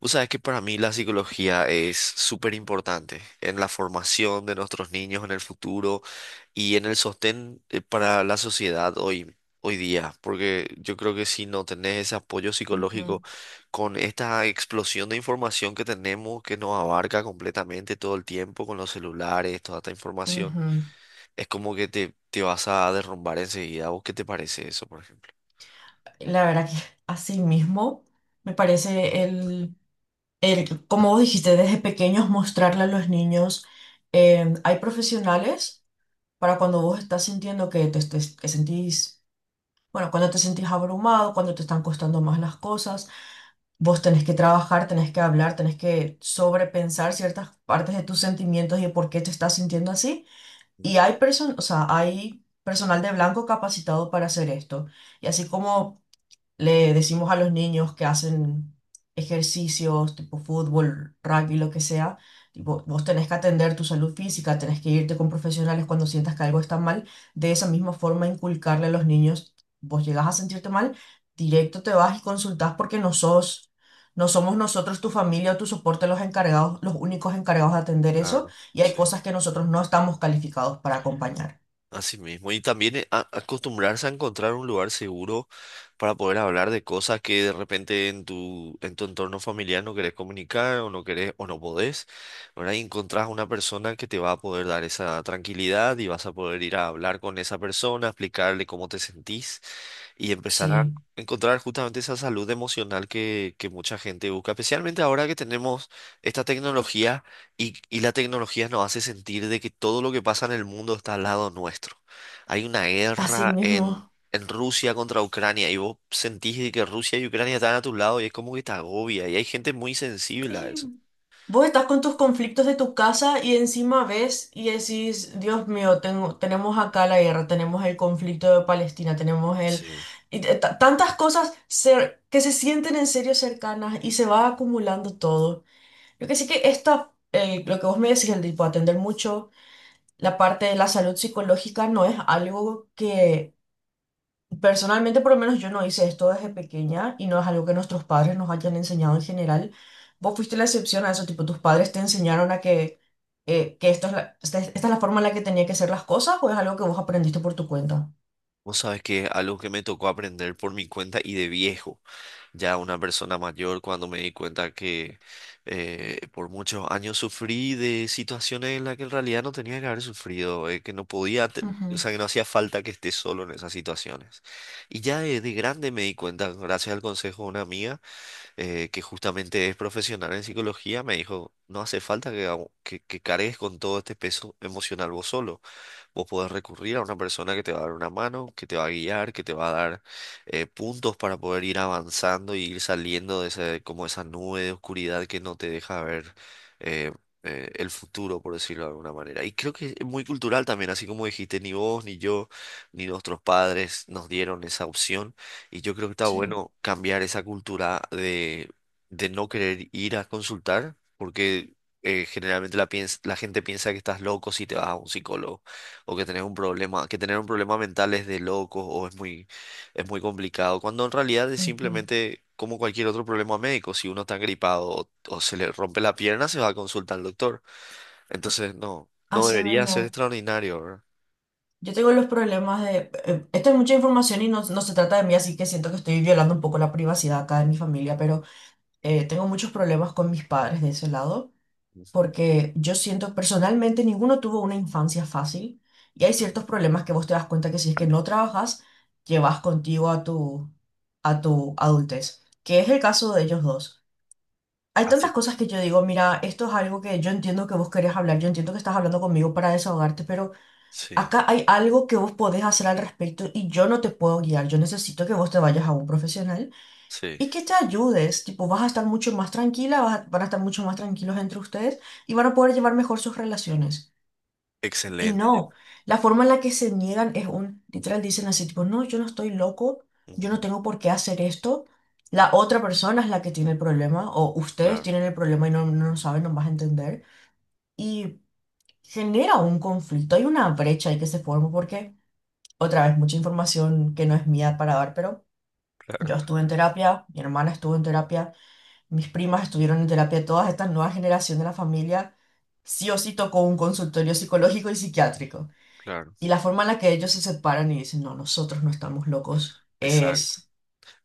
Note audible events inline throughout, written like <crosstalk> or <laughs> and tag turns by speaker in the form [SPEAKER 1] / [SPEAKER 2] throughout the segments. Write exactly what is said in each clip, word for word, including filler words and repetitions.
[SPEAKER 1] Vos sabés que para mí la psicología es súper importante en la formación de nuestros niños en el futuro y en el sostén, eh, para la sociedad hoy, hoy día, porque yo creo que si no tenés ese apoyo psicológico
[SPEAKER 2] Ujú,
[SPEAKER 1] con esta explosión de información que tenemos, que nos abarca completamente todo el tiempo con los celulares, toda esta información,
[SPEAKER 2] ujú.
[SPEAKER 1] es como que te, te vas a derrumbar enseguida. ¿Vos qué te parece eso, por ejemplo?
[SPEAKER 2] La verdad que <laughs> así mismo me parece el, el, como vos dijiste, desde pequeños mostrarle a los niños, eh, hay profesionales para cuando vos estás sintiendo que te, te que sentís, bueno, cuando te sentís abrumado, cuando te están costando más las cosas, vos tenés que trabajar, tenés que hablar, tenés que sobrepensar ciertas partes de tus sentimientos y de por qué te estás sintiendo así. Y
[SPEAKER 1] Ujú.
[SPEAKER 2] hay person, o sea, hay personal de blanco capacitado para hacer esto. Y así como le decimos a los niños que hacen ejercicios tipo fútbol, rugby, lo que sea, tipo, vos tenés que atender tu salud física, tenés que irte con profesionales cuando sientas que algo está mal. De esa misma forma, inculcarle a los niños, vos llegas a sentirte mal, directo te vas y consultás porque no sos, no somos nosotros, tu familia o tu soporte los encargados, los únicos encargados de atender eso,
[SPEAKER 1] Claro.
[SPEAKER 2] y hay
[SPEAKER 1] Sí,
[SPEAKER 2] cosas que nosotros no estamos calificados para acompañar.
[SPEAKER 1] así mismo. Y también, eh, a- acostumbrarse a encontrar un lugar seguro para poder hablar de cosas que de repente en tu, en tu entorno familiar no querés comunicar o no querés o no podés, ¿verdad? Y encontrás una persona que te va a poder dar esa tranquilidad y vas a poder ir a hablar con esa persona, explicarle cómo te sentís y empezar a
[SPEAKER 2] Sí,
[SPEAKER 1] encontrar justamente esa salud emocional que, que mucha gente busca, especialmente ahora que tenemos esta tecnología y, y la tecnología nos hace sentir de que todo lo que pasa en el mundo está al lado nuestro. Hay una
[SPEAKER 2] así
[SPEAKER 1] guerra en,
[SPEAKER 2] mismo.
[SPEAKER 1] en Rusia contra Ucrania y vos sentís de que Rusia y Ucrania están a tu lado y es como que te agobia y hay gente muy sensible a eso.
[SPEAKER 2] Sí. Vos estás con tus conflictos de tu casa y encima ves y decís, Dios mío, tengo, tenemos acá la guerra, tenemos el conflicto de Palestina, tenemos el...
[SPEAKER 1] Sí.
[SPEAKER 2] y t- t- tantas cosas cer- que se sienten en serio cercanas y se va acumulando todo. Yo que sí que esta, el- lo que vos me decís, el tipo atender mucho, la parte de la salud psicológica no es algo. Personalmente, por lo menos yo no hice esto desde pequeña y no es algo que nuestros padres nos hayan enseñado en general. Vos fuiste la excepción a eso, tipo, tus padres te enseñaron a que, eh, que esto es la- esta, es esta es la forma en la que tenía que ser las cosas o es algo que vos aprendiste por tu cuenta.
[SPEAKER 1] Vos sabes que algo que me tocó aprender por mi cuenta y de viejo, ya una persona mayor, cuando me di cuenta que, eh, por muchos años sufrí de situaciones en las que en realidad no tenía que haber sufrido, eh, que no podía, te- o
[SPEAKER 2] Ujú,
[SPEAKER 1] sea, que no hacía falta que esté solo en esas situaciones. Y ya de, de grande me di cuenta, gracias al consejo de una amiga, eh, que justamente es profesional en psicología. Me dijo, no hace falta que, hago- que que cargues con todo este peso emocional vos solo. Vos podés recurrir a una persona que te va a dar una mano, que te va a guiar, que te va a dar, eh, puntos para poder ir avanzando y ir saliendo de ese, como esa nube de oscuridad que no te deja ver, eh, eh, el futuro, por decirlo de alguna manera. Y creo que es muy cultural también, así como dijiste, ni vos, ni yo, ni nuestros padres nos dieron esa opción. Y yo creo que está
[SPEAKER 2] sí.
[SPEAKER 1] bueno cambiar esa cultura de, de no querer ir a consultar, porque, eh, generalmente la, piens- la gente piensa que estás loco si te vas a un psicólogo o que tenés un problema, que tener un problema mental es de locos o es muy, es muy complicado, cuando en realidad es
[SPEAKER 2] Ujú.
[SPEAKER 1] simplemente como cualquier otro problema médico, si uno está gripado o, o se le rompe la pierna, se va a consultar al doctor. Entonces, no, no
[SPEAKER 2] Así
[SPEAKER 1] debería ser
[SPEAKER 2] mismo,
[SPEAKER 1] extraordinario, ¿verdad?
[SPEAKER 2] yo tengo los problemas de... eh, esta es mucha información y no, no se trata de mí, así que siento que estoy violando un poco la privacidad acá de mi familia, pero eh, tengo muchos problemas con mis padres de ese lado.
[SPEAKER 1] Ujú,
[SPEAKER 2] Porque yo siento personalmente ninguno tuvo una infancia fácil y hay
[SPEAKER 1] claro.
[SPEAKER 2] ciertos problemas que vos te das cuenta que si es que no trabajas, llevas contigo a tu, a tu adultez, que es el caso de ellos dos. Hay
[SPEAKER 1] Así.
[SPEAKER 2] tantas cosas que yo digo, mira, esto es algo que yo entiendo que vos querés hablar, yo entiendo que estás hablando conmigo para desahogarte, pero
[SPEAKER 1] Sí,
[SPEAKER 2] acá hay algo que vos podés hacer al respecto y yo no te puedo guiar, yo necesito que vos te vayas a un profesional
[SPEAKER 1] sí,
[SPEAKER 2] y que te ayudes, tipo, vas a estar mucho más tranquila, vas a- van a estar mucho más tranquilos entre ustedes y van a poder llevar mejor sus relaciones. Y
[SPEAKER 1] excelente. Yo-
[SPEAKER 2] no, la forma en la que se niegan es un, literal dicen así, tipo, no, yo no estoy loco, yo no
[SPEAKER 1] ujú.
[SPEAKER 2] tengo por qué hacer esto. La otra persona es la que tiene el problema o ustedes
[SPEAKER 1] Claro,
[SPEAKER 2] tienen el problema y no, no lo saben, no vas a entender. Y genera un conflicto, hay una brecha ahí que se forma porque, otra vez, mucha información que no es mía para dar, pero yo estuve en terapia, mi hermana estuvo en terapia. Mis primas estuvieron en terapia. Todas esta nueva generación de la familia sí o sí tocó un consultorio psicológico y psiquiátrico.
[SPEAKER 1] claro.
[SPEAKER 2] Y la forma en la que ellos se separan y dicen, no, nosotros no estamos locos,
[SPEAKER 1] Exacto.
[SPEAKER 2] es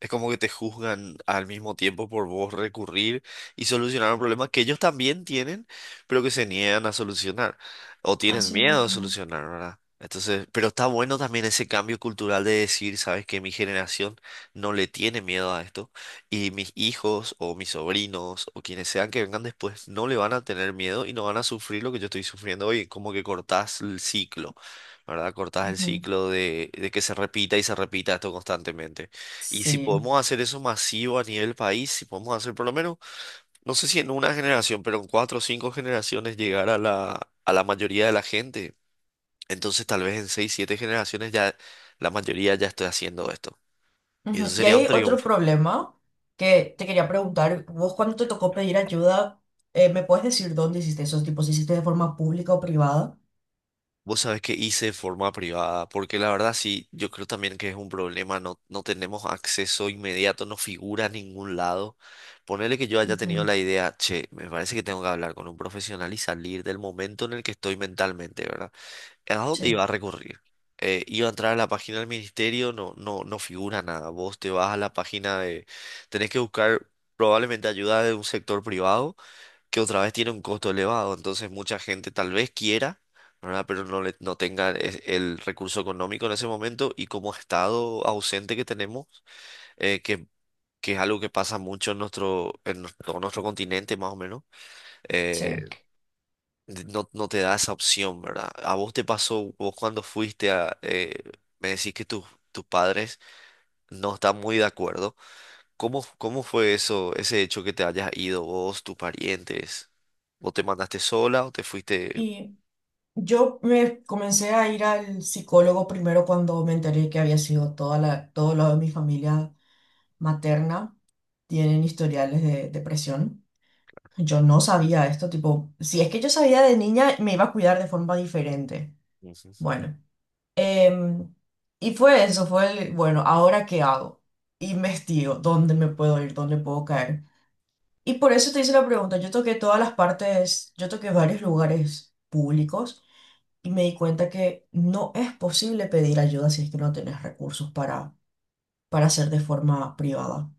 [SPEAKER 1] Es como que te juzgan al mismo tiempo por vos recurrir y solucionar un problema que ellos también tienen, pero que se niegan a solucionar o tienen
[SPEAKER 2] así
[SPEAKER 1] miedo a
[SPEAKER 2] mismo.
[SPEAKER 1] solucionar, ¿verdad? Entonces, pero está bueno también ese cambio cultural de decir, sabes que mi generación no le tiene miedo a esto y mis hijos o mis sobrinos o quienes sean que vengan después no le van a tener miedo y no van a sufrir lo que yo estoy sufriendo hoy, como que cortás el ciclo, ¿verdad? Cortás el
[SPEAKER 2] Ujú.
[SPEAKER 1] ciclo de, de que se repita y se repita esto constantemente. Y si
[SPEAKER 2] Sí.
[SPEAKER 1] podemos hacer eso masivo a nivel país, si podemos hacer por lo menos, no sé si en una generación, pero en cuatro o cinco generaciones llegar a la, a la mayoría de la gente, entonces tal vez en seis, siete generaciones ya la mayoría ya esté haciendo esto. Y eso
[SPEAKER 2] Ujú. Y
[SPEAKER 1] sería un
[SPEAKER 2] hay otro
[SPEAKER 1] triunfo.
[SPEAKER 2] problema que te quería preguntar, vos cuando te tocó pedir ayuda, eh, ¿me puedes decir dónde hiciste esos tipos? ¿Hiciste de forma pública o privada?
[SPEAKER 1] Vos sabés que hice de forma privada, porque la verdad sí, yo creo también que es un problema, no, no tenemos acceso inmediato, no figura en ningún lado. Ponerle que yo haya tenido
[SPEAKER 2] Ujú.
[SPEAKER 1] la idea, che, me parece que tengo que hablar con un profesional y salir del momento en el que estoy mentalmente, ¿verdad? ¿A dónde
[SPEAKER 2] Sí,
[SPEAKER 1] iba a recurrir? Eh, iba a entrar a la página del ministerio, no, no, no figura nada. Vos te vas a la página de... Tenés que buscar probablemente ayuda de un sector privado que otra vez tiene un costo elevado. Entonces mucha gente tal vez quiera, ¿verdad? Pero no, le, no tenga es- el recurso económico en ese momento y como estado ausente que tenemos, eh, que, que es algo que pasa mucho en nuestro, en nuestro- todo nuestro continente más o menos.
[SPEAKER 2] sí.
[SPEAKER 1] eh, de- no, no te da esa opción, ¿verdad? ¿A vos te pasó, vos cuando fuiste a, eh, me decís que tus tus padres no están muy de acuerdo? ¿Cómo, cómo fue eso, ese hecho que te hayas ido vos, tus parientes? ¿O te mandaste sola o te fuiste?
[SPEAKER 2] Y yo me comencé a ir al psicólogo primero cuando me enteré que había sido toda la, todo lo de mi familia materna tienen historiales de depresión. Yo no sabía esto, tipo, si es que yo sabía de niña, me iba a cuidar de forma diferente.
[SPEAKER 1] Ujú.
[SPEAKER 2] Bueno, em, y fue eso, fue el, bueno, ¿ahora qué hago? Investigo, ¿dónde me puedo ir? ¿Dónde puedo caer? Y por eso te hice la pregunta, yo toqué todas las partes, yo toqué varios lugares públicos y me di cuenta que no es posible pedir ayuda si es que no tenés recursos para, para hacer de forma privada.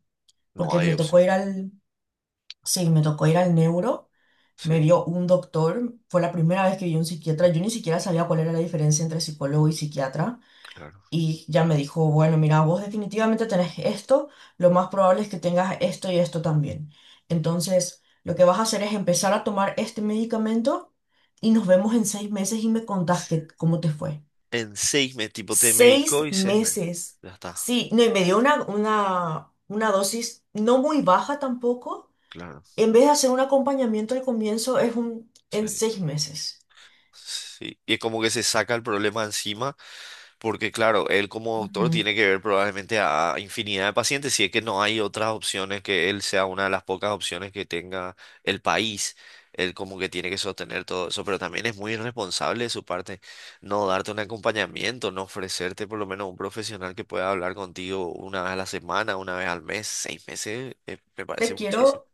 [SPEAKER 1] No
[SPEAKER 2] Porque
[SPEAKER 1] hay
[SPEAKER 2] me tocó
[SPEAKER 1] opción.
[SPEAKER 2] ir al, sí, me tocó ir al neuro,
[SPEAKER 1] Sí,
[SPEAKER 2] me vio un doctor, fue la primera vez que vi un psiquiatra, yo ni siquiera sabía cuál era la diferencia entre psicólogo y psiquiatra.
[SPEAKER 1] claro.
[SPEAKER 2] Y ya me dijo, bueno, mira, vos definitivamente tenés esto, lo más probable es que tengas esto y esto también. Entonces, lo que vas a hacer es empezar a tomar este medicamento y nos vemos en seis meses y me contás qué cómo te fue.
[SPEAKER 1] En seis meses, tipo, te medicó
[SPEAKER 2] Seis
[SPEAKER 1] y seis meses.
[SPEAKER 2] meses.
[SPEAKER 1] Ya está,
[SPEAKER 2] Sí, no, y me dio una, una, una dosis no muy baja tampoco.
[SPEAKER 1] claro.
[SPEAKER 2] En vez de hacer un acompañamiento al comienzo, es un en
[SPEAKER 1] Sí.
[SPEAKER 2] seis meses.
[SPEAKER 1] Sí, y es como que se saca el problema encima, porque claro, él como doctor
[SPEAKER 2] Ujú.
[SPEAKER 1] tiene que ver probablemente a infinidad de pacientes, si es que no hay otras opciones, que él sea una de las pocas opciones que tenga el país. Él como que tiene que sostener todo eso, pero también es muy irresponsable de su parte no darte un acompañamiento, no ofrecerte por lo menos un profesional que pueda hablar contigo una vez a la semana, una vez al mes, seis meses. eh, me parece
[SPEAKER 2] Te
[SPEAKER 1] muchísimo.
[SPEAKER 2] quiero,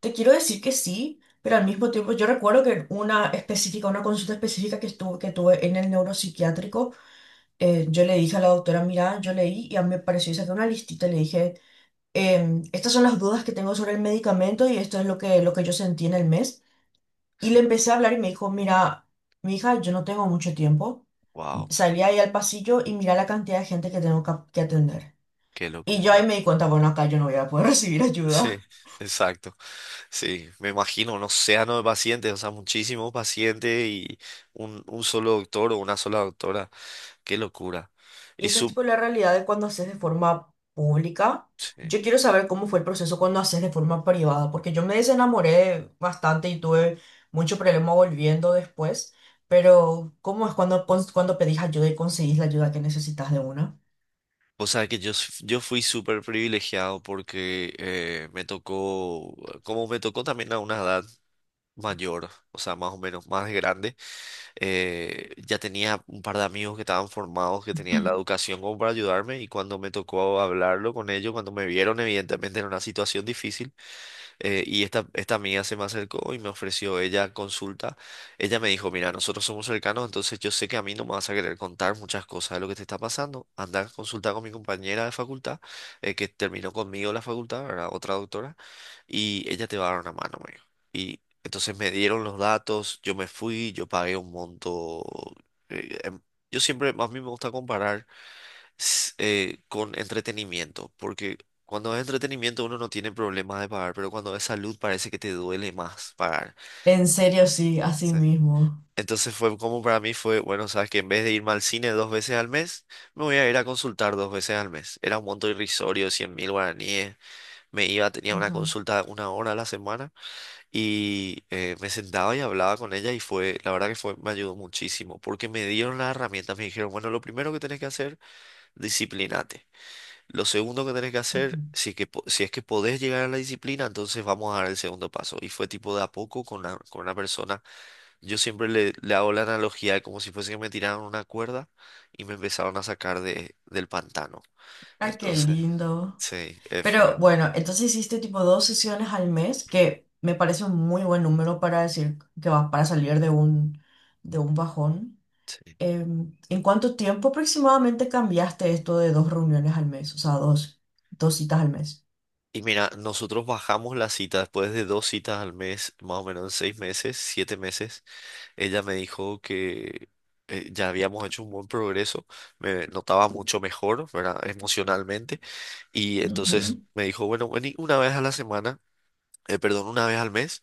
[SPEAKER 2] te quiero decir que sí, pero al mismo tiempo yo recuerdo que una específica, una consulta específica que estuve, que tuve en el neuropsiquiátrico, eh, yo le dije a la doctora, mira, yo leí y a mí me pareció, y saqué una listita y le dije, em, estas son las dudas que tengo sobre el medicamento y esto es lo que, lo que yo sentí en el mes. Y le
[SPEAKER 1] Sí,
[SPEAKER 2] empecé a hablar y me dijo, mira, mi hija, yo no tengo mucho tiempo.
[SPEAKER 1] wow,
[SPEAKER 2] Salí ahí al pasillo y mira la cantidad de gente que tengo cap- que atender.
[SPEAKER 1] qué
[SPEAKER 2] Y yo ahí
[SPEAKER 1] locura.
[SPEAKER 2] me di cuenta, bueno, acá yo no voy a poder <laughs> recibir
[SPEAKER 1] Sí,
[SPEAKER 2] ayuda.
[SPEAKER 1] exacto. Sí, me imagino un océano de pacientes, o sea, muchísimos pacientes y un, un solo doctor o una sola doctora. Qué locura.
[SPEAKER 2] Y
[SPEAKER 1] Y
[SPEAKER 2] esa es
[SPEAKER 1] su,
[SPEAKER 2] tipo la realidad de cuando haces de forma pública.
[SPEAKER 1] sí.
[SPEAKER 2] Yo quiero saber cómo fue el proceso cuando haces de forma privada, porque yo me desenamoré bastante y tuve mucho problema volviendo después. Pero, ¿cómo es cuando, cons- cuando pedís ayuda y conseguís la ayuda que necesitas de una?
[SPEAKER 1] O sea, que yo, s- yo fui súper privilegiado porque, eh, me tocó, como me tocó también a una edad mayor, o sea, más o menos más grande. eh, ya tenía un par de amigos que estaban formados, que tenían la
[SPEAKER 2] <clears throat>
[SPEAKER 1] educación como para ayudarme y cuando me tocó hablarlo con ellos, cuando me vieron evidentemente en una situación difícil. Eh, y esta, esta amiga se me acercó y me ofreció ella consulta. Ella me dijo, mira, nosotros somos cercanos, entonces yo sé que a mí no me vas a querer contar muchas cosas de lo que te está pasando. Anda a consultar con mi compañera de facultad, eh, que terminó conmigo la facultad, ¿verdad? Otra doctora, y ella te va a dar una mano, me dijo. Y entonces me dieron los datos, yo me fui, yo pagué un monto. eh, em- yo siempre, a mí me gusta comparar, s- eh, con entretenimiento, porque cuando es entretenimiento uno no tiene problema de pagar, pero cuando es salud parece que te duele más pagar.
[SPEAKER 2] En serio, sí, así
[SPEAKER 1] Sí.
[SPEAKER 2] mismo.
[SPEAKER 1] Entonces fue como para mí fue, bueno, sabes que en vez de irme al cine dos veces al mes, me voy a ir a consultar dos veces al mes. Era un monto irrisorio, cien mil guaraníes. Me iba, tenía una
[SPEAKER 2] Ujú,
[SPEAKER 1] consulta una hora a la semana y, eh, me sentaba y hablaba con ella y fue, la verdad que fue, me ayudó muchísimo porque me dieron las herramientas, me dijeron, bueno, lo primero que tenés que hacer, disciplinate. Lo segundo que tenés que
[SPEAKER 2] ujú.
[SPEAKER 1] hacer, si es que, po- si es que podés llegar a la disciplina, entonces vamos a dar el segundo paso. Y fue tipo de a poco con la- con una persona. Yo siempre le, le hago la analogía de como si fuese que me tiraron una cuerda y me empezaron a sacar de, del pantano.
[SPEAKER 2] Ay, qué
[SPEAKER 1] Entonces,
[SPEAKER 2] lindo.
[SPEAKER 1] sí, eh,
[SPEAKER 2] Pero
[SPEAKER 1] fue.
[SPEAKER 2] bueno, entonces hiciste tipo dos sesiones al mes, que me parece un muy buen número para decir que vas para salir de un, de un bajón.
[SPEAKER 1] Sí.
[SPEAKER 2] Em, ¿en cuánto tiempo aproximadamente cambiaste esto de dos reuniones al mes? O sea, dos, dos citas al mes.
[SPEAKER 1] Y mira, nosotros bajamos la cita después de dos citas al mes, más o menos en seis meses, siete meses. Ella me dijo que, eh, ya habíamos hecho un buen progreso, me notaba mucho mejor, ¿verdad? Emocionalmente. Y entonces
[SPEAKER 2] Ujú.
[SPEAKER 1] me dijo, bueno, vení una vez a la semana, eh, perdón, una vez al mes,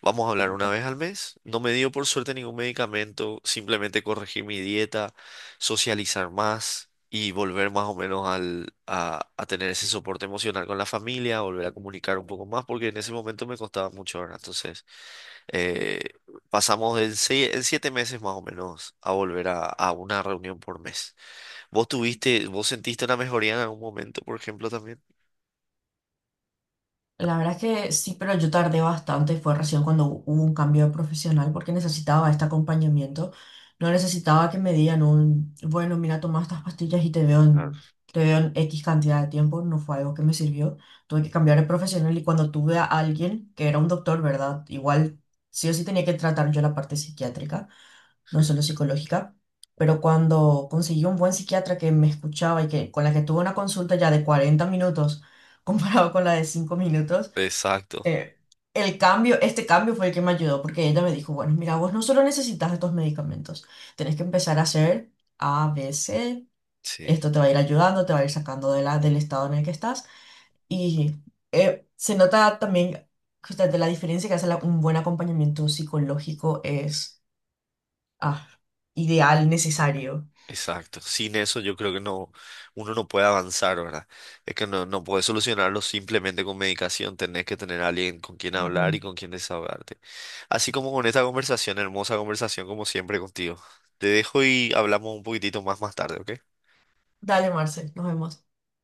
[SPEAKER 1] vamos a hablar una vez al mes. No me dio por suerte ningún medicamento, simplemente corregir mi dieta, socializar más y volver más o menos al, a, a tener ese soporte emocional con la familia, volver a comunicar un poco más, porque en ese momento me costaba mucho, ¿verdad? Entonces, eh, pasamos en, seis- en siete meses más o menos a volver a, a una reunión por mes. ¿Vos tuviste, vos sentiste una mejoría en algún momento, por ejemplo, también?
[SPEAKER 2] La verdad es que sí, pero yo tardé bastante. Fue recién cuando hu- hubo un cambio de profesional porque necesitaba este acompañamiento. No necesitaba que me dieran un, bueno, mira, toma estas pastillas y te veo en, te veo en X cantidad de tiempo. No fue algo que me sirvió. Tuve que cambiar de profesional y cuando tuve a alguien que era un doctor, ¿verdad? Igual sí o sí tenía que tratar yo la parte psiquiátrica, no solo psicológica. Pero cuando conseguí un buen psiquiatra que me escuchaba y que con la que tuve una consulta ya de cuarenta minutos comparado con la de cinco minutos,
[SPEAKER 1] Exacto,
[SPEAKER 2] eh, el cambio, este cambio fue el que me ayudó, porque ella me dijo, bueno, mira, vos no solo necesitas estos medicamentos, tenés que empezar a hacer A, B, C,
[SPEAKER 1] sí,
[SPEAKER 2] esto te va a ir ayudando, te va a ir sacando de la, del estado en el que estás, y eh, se nota también justamente la diferencia que hace la- un buen acompañamiento psicológico es ah, ideal, necesario.
[SPEAKER 1] exacto. Sin eso yo creo que no, uno no puede avanzar, ¿verdad? Es que no, no puedes solucionarlo simplemente con medicación, tenés que tener a alguien con quien hablar
[SPEAKER 2] Ujú.
[SPEAKER 1] y con quien desahogarte. Así como con esta conversación, hermosa conversación como siempre contigo. Te dejo y hablamos un poquitito más más tarde, ¿ok?
[SPEAKER 2] Dale, Marcel, nos vemos.